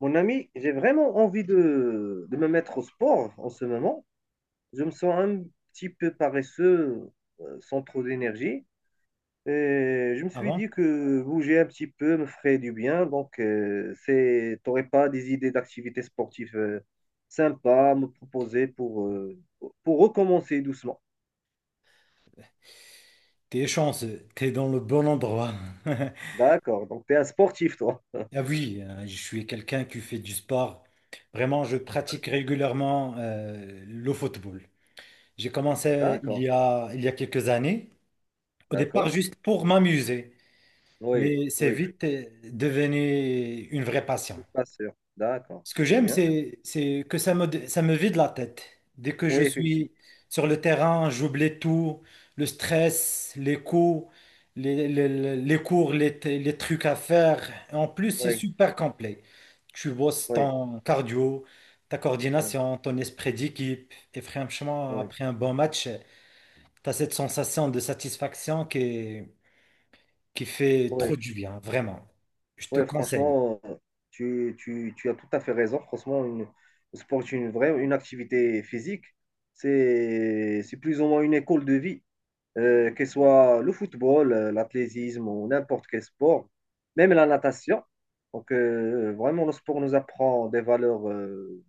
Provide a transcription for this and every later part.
Mon ami, j'ai vraiment envie de me mettre au sport en ce moment. Je me sens un petit peu paresseux, sans trop d'énergie. Et je me Ah suis bon? dit que bouger un petit peu me ferait du bien. Donc, t'aurais pas des idées d'activités sportives sympas à me proposer pour recommencer doucement. T'es chanceux, t'es dans le bon endroit. D'accord. Donc, tu es un sportif, toi. Ah oui, je suis quelqu'un qui fait du sport. Vraiment, je pratique régulièrement le football. J'ai commencé il D'accord. y a, il y a quelques années, au départ D'accord. juste pour m'amuser, Oui. mais c'est Oui. vite devenu une vraie passion. Pas sûr. D'accord. Ce que C'est j'aime, bien. c'est que ça me vide la tête. Dès que je Oui, effectivement. suis sur le terrain, j'oublie tout, le stress, les coups, les cours, les trucs à faire. En plus, c'est Oui. super complet. Tu bosses Oui. ton cardio, ta Oui. coordination, ton esprit d'équipe. Et franchement, Oui. après un bon match, tu as cette sensation de satisfaction qui fait trop Ouais, du bien, vraiment. Je te ouais, conseille. franchement, tu as tout à fait raison. Franchement, le sport est une vraie une activité physique. C'est plus ou moins une école de vie, que ce soit le football, l'athlétisme ou n'importe quel sport, même la natation. Donc, vraiment, le sport nous apprend des valeurs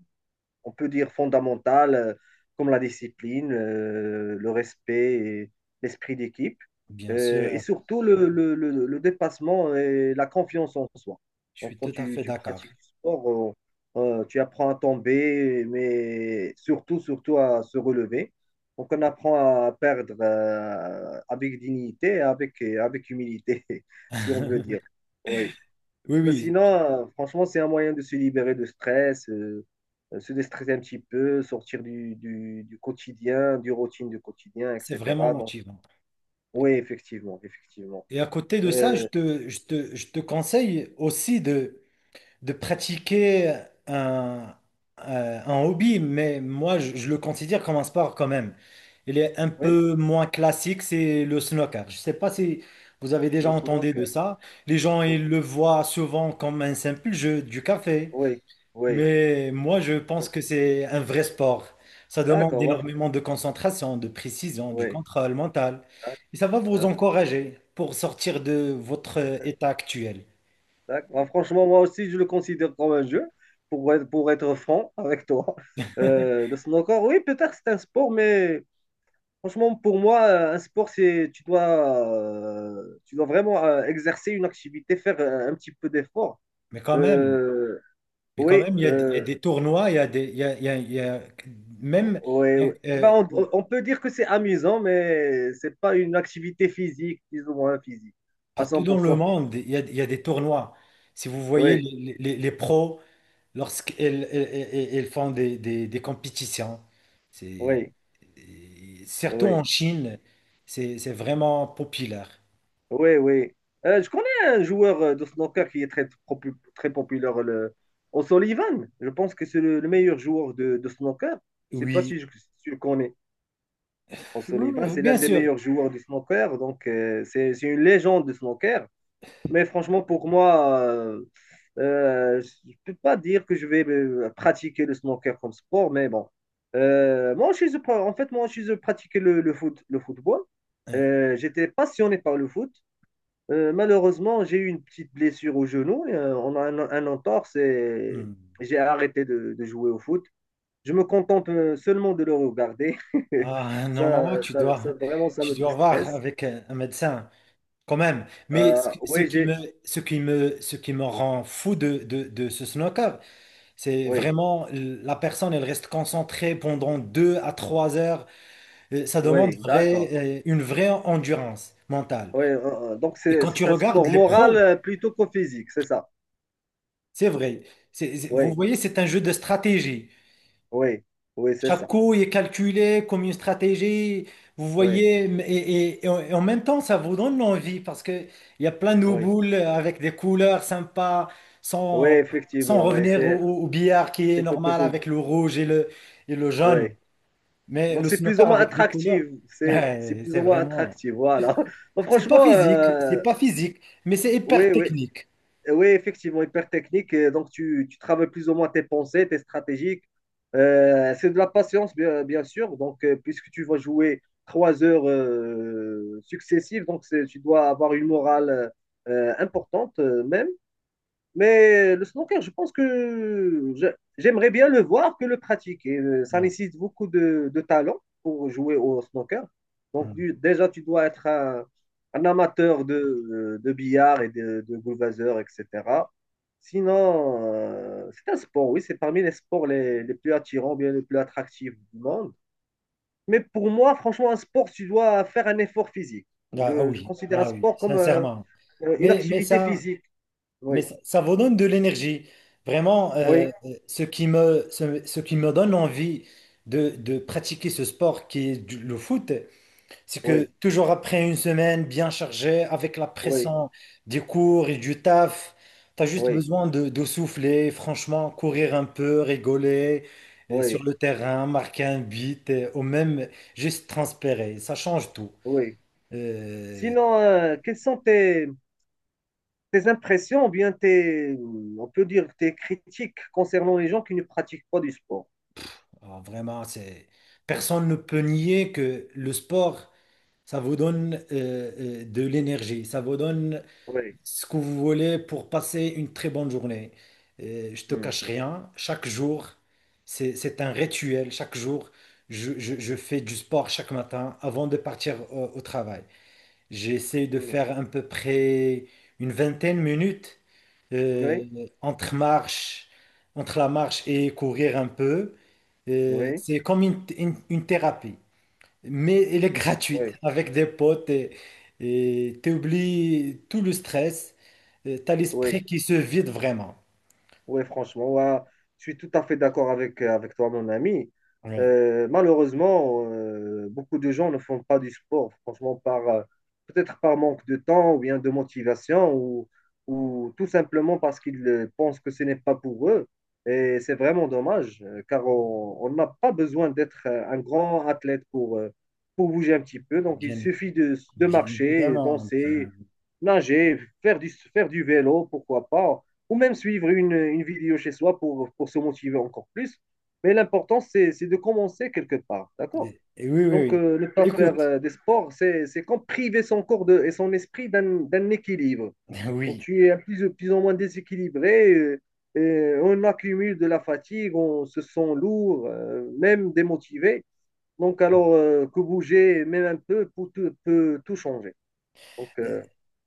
on peut dire fondamentales, comme la discipline, le respect, et l'esprit d'équipe, Bien et sûr, surtout le dépassement et la confiance en soi. je Donc, suis quand tout à tu, fait tu d'accord. pratiques du sport, tu apprends à tomber, mais surtout à se relever. Donc, on apprend à perdre avec dignité, et avec humilité, si on veut dire. Oui. Oui, Mais sinon, oui, franchement, c'est un moyen de se libérer de stress, se déstresser un petit peu, sortir du quotidien, du routine du quotidien, c'est vraiment etc. Donc, motivant. oui, effectivement. Et à côté de ça, je Euh, te, je te, je te conseille aussi de pratiquer un, un hobby, mais moi, je le considère comme un sport quand même. Il est un oui, peu moins classique, c'est le snooker. Je ne sais pas si vous avez déjà le entendu de snooker. ça. Les gens, Oh, ils le voient souvent comme un simple jeu du café. oui, oui. Mais moi, je Euh, pense que c'est un vrai sport. Ça demande D'accord, moi, fr- énormément de concentration, de précision, du oui. contrôle mental. D'ac- Et ça va vous D'accord, encourager pour sortir de votre état actuel. d'accord. Moi, franchement, moi aussi, je le considère comme un jeu, pour être franc avec toi. Le snooker, oui, peut-être c'est un sport, mais franchement, pour moi, un sport, c'est tu dois vraiment exercer une activité, faire un petit peu d'effort. Mais quand même, Euh, mais quand oui, même, il y a, des il y a euh, des tournois, il y a des, il y a- il y a- il y a- même oui, euh, oui. Ben, euh, on peut dire que c'est amusant, mais c'est pas une activité physique, plus ou moins physique, à partout dans le 100%. monde, il y a des tournois. Si vous voyez Oui, les pros. Lorsqu'elles font des compétitions, c'est, oui, et surtout oui, en Chine, c'est vraiment populaire. oui. Je connais un joueur de snooker qui est très populaire, le O'Sullivan. Je pense que c'est le meilleur joueur de snooker. Je sais pas Oui, si si tu le connais. O'Sullivan, oui, c'est l'un bien des sûr. meilleurs joueurs du snooker, donc c'est une légende du snooker. Mais franchement, pour moi, je ne peux pas dire que je vais pratiquer le snooker comme sport, mais bon. En fait, moi, je pratiquais le foot, le football. Euh, J'étais passionné par le foot. Malheureusement, j'ai eu une petite blessure au genou. On a un entorse et hmm. j'ai arrêté de jouer au foot. Je me contente seulement de le regarder. Ah, normalement, tu dois, vraiment, ça tu me dois voir stresse. avec un médecin quand même. Mais ce ce Oui, qui me, j'ai. ce qui me, ce qui me rend fou de ce snooker, c'est Oui, vraiment la personne, elle reste concentrée pendant 2 à 3 heures. Ça demande oui, d'accord. Une vraie endurance mentale. Oui, donc, Et c'est quand tu c'est un regardes sport les moral pros, plutôt qu'au physique, c'est ça. c'est vrai. Vous Oui, voyez, c'est un jeu de stratégie. oui, oui, c'est Chaque ça. coup est calculé comme une stratégie. Vous Oui, voyez, et en même temps, ça vous donne envie parce qu'il y a plein de oui, boules avec des couleurs sympas, oui, sans, sans effectivement. Oui, revenir au, c'est au- au billard qui est c'est quelque normal chose. avec le rouge et et le jaune. Oui. Mais Donc, le c'est plus ou snooker moins avec des couleurs, attractif. C'est ouais, plus c'est ou moins vraiment. attractif. Voilà. Bon, franchement, C'est pas physique, mais c'est hyper oui, oui. technique. oui, effectivement, hyper technique. Et donc, tu travailles plus ou moins tes pensées, tes stratégies. C'est de la patience, bien sûr. Donc, puisque tu vas jouer trois heures successives, tu dois avoir une morale importante, même. Mais le snooker, je pense que je- j'aimerais bien le voir que le pratiquer. Ça Ouais. nécessite beaucoup de talent pour jouer au snooker. Donc, Mm. Déjà, tu dois être un amateur de billard et de Gulwasser, etc. Sinon, c'est un sport, oui, c'est parmi les sports les plus attirants, bien les plus attractifs du monde. Mais pour moi, franchement, un sport, tu dois faire un effort physique. Ah, ah Je oui, considère un ah oui, sport comme sincèrement. une Mais activité ça, physique. mais Oui, ça, ça vous donne de l'énergie. Vraiment, oui, ce qui me donne envie de pratiquer ce sport qui est le foot. C'est oui. que toujours après une semaine bien chargée, avec la Oui, pression des cours et du taf, tu as juste oui, besoin de souffler, franchement, courir un peu, rigoler sur oui, le terrain, marquer un but, ou même juste transpirer. Ça change tout. oui. Euh, Sinon, quelles sont tes impressions ou bien tes, on peut dire, tes critiques concernant les gens qui ne pratiquent pas du sport? alors vraiment, personne ne peut nier que le sport, ça vous donne de l'énergie, ça vous donne Oui. ce que vous voulez pour passer une très bonne journée. Je te Hmm. cache rien, chaque jour, c'est un rituel. Chaque jour, je fais du sport chaque matin avant de partir au travail. J'essaie de Hmm. faire à peu près une vingtaine de minutes euh, Oui, entre marche, entre la marche et courir un peu. Oui, C'est comme une thérapie. Mais elle est gratuite oui, avec des potes et t'oublies tout le stress. T'as oui. l'esprit qui se vide vraiment. Oui, franchement, ouais, je suis tout à fait d'accord avec, avec toi, mon ami. Oui, Malheureusement, beaucoup de gens ne font pas du sport, franchement, par peut-être par manque de temps ou bien de motivation ou tout simplement parce qu'ils pensent que ce n'est pas pour eux. Et c'est vraiment dommage, car on n'a pas besoin d'être un grand athlète pour bouger un petit peu. Donc, il bien, suffit de bien marcher, évidemment. Danser, nager, faire faire du vélo, pourquoi pas, ou même suivre une vidéo chez soi pour se motiver encore plus. Mais l'important, c'est de commencer quelque part, d'accord? Et oui, oui, Donc, oui. Ne pas faire Écoute. Des sports, c'est comme priver son corps de, et son esprit d'un équilibre. Donc, Oui. tu es plus ou moins déséquilibré, et on accumule de la fatigue, on se sent lourd, même démotivé. Donc, alors que bouger, même un peu, peut tout changer. Donc, Euh,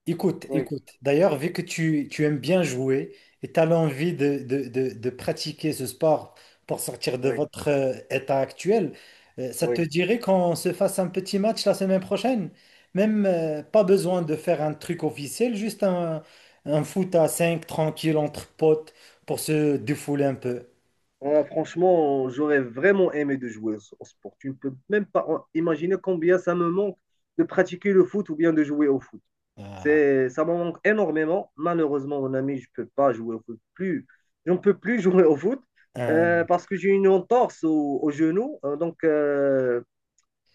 Écoute, oui, écoute. D'ailleurs, vu que tu aimes bien jouer et tu as l'envie de pratiquer ce sport pour sortir de oui, votre état actuel. Ça te oui. dirait qu'on se fasse un petit match la semaine prochaine? Même pas besoin de faire un truc officiel, juste un, foot à 5 tranquille entre potes pour se défouler un peu. Ouais, franchement, j'aurais vraiment aimé de jouer au au sport. Tu ne peux même pas imaginer combien ça me manque de pratiquer le foot ou bien de jouer au foot. Ah, Ça me manque énormément. Malheureusement, mon ami, je peux pas jouer au foot plus. Je ne peux plus jouer au foot un- parce que j'ai une entorse au genou. Donc,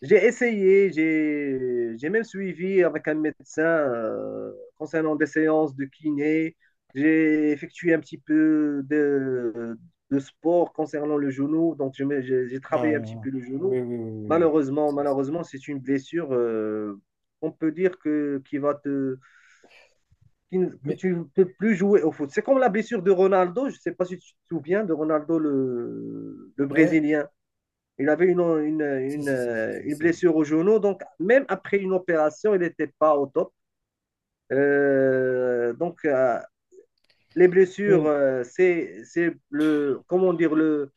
j'ai essayé, j'ai même suivi avec un médecin concernant des séances de kiné. J'ai effectué un petit peu de sport concernant le genou, j'ai travaillé un petit un- peu le oui, genou. oui, oui, oui, oui. Malheureusement, c'est une blessure, on peut dire que, qui ne- que Mais, tu ne peux plus jouer au foot. C'est comme la blessure de Ronaldo, je ne sais pas si tu te souviens de Ronaldo, le ouais, Brésilien. Il avait c'est, c'est, c'est, c'est- c'est- une c'est- blessure au genou. Donc, même après une opération, il n'était pas au top. Donc, les blessures, oui. C'est le, comment dire, le,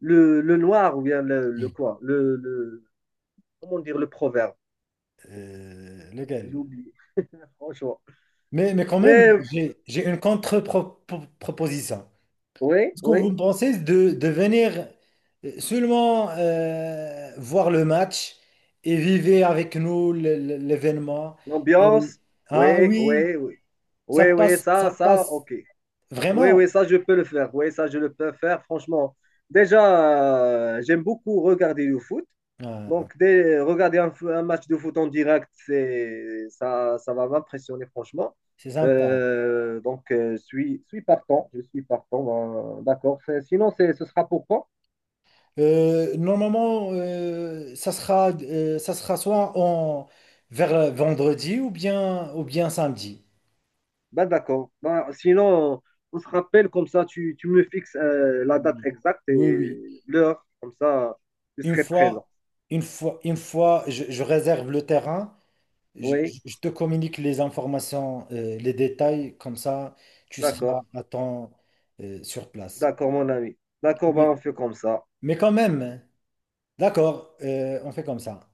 le, le noir ou bien comment dire, le proverbe. J'ai Lequel? oublié, franchement. Mais quand même, Mais j'ai une contre-proposition. oui, Est-ce que oui, vous pensez de venir seulement voir le match et vivre avec nous l'événement? Et, l'ambiance, ah oui, oui. Ça Ça, passe ok. Vraiment. Oui, ça, je peux le faire. Oui, ça, je le peux faire, franchement. Déjà, j'aime beaucoup regarder le foot. Ah, Donc, regarder un match de foot en direct, ça va m'impressionner, franchement. c'est sympa. Donc, je suis partant. Je suis partant. Ben, d'accord. Sinon, ce sera pour quand? Normalement, ça sera, soit vers vendredi ou bien, samedi. Ben, d'accord. Ben, sinon, on se rappelle, comme ça, tu me fixes la date Oui, exacte oui, oui. et l'heure. Comme ça, je Une serai présent. fois, une fois, je réserve le terrain, je, Oui, je- je te communique les informations, les détails, comme ça, tu seras d'accord. à temps, sur place. D'accord, mon ami. D'accord, ben, Mais, on fait comme ça. mais quand même, d'accord, on fait comme ça.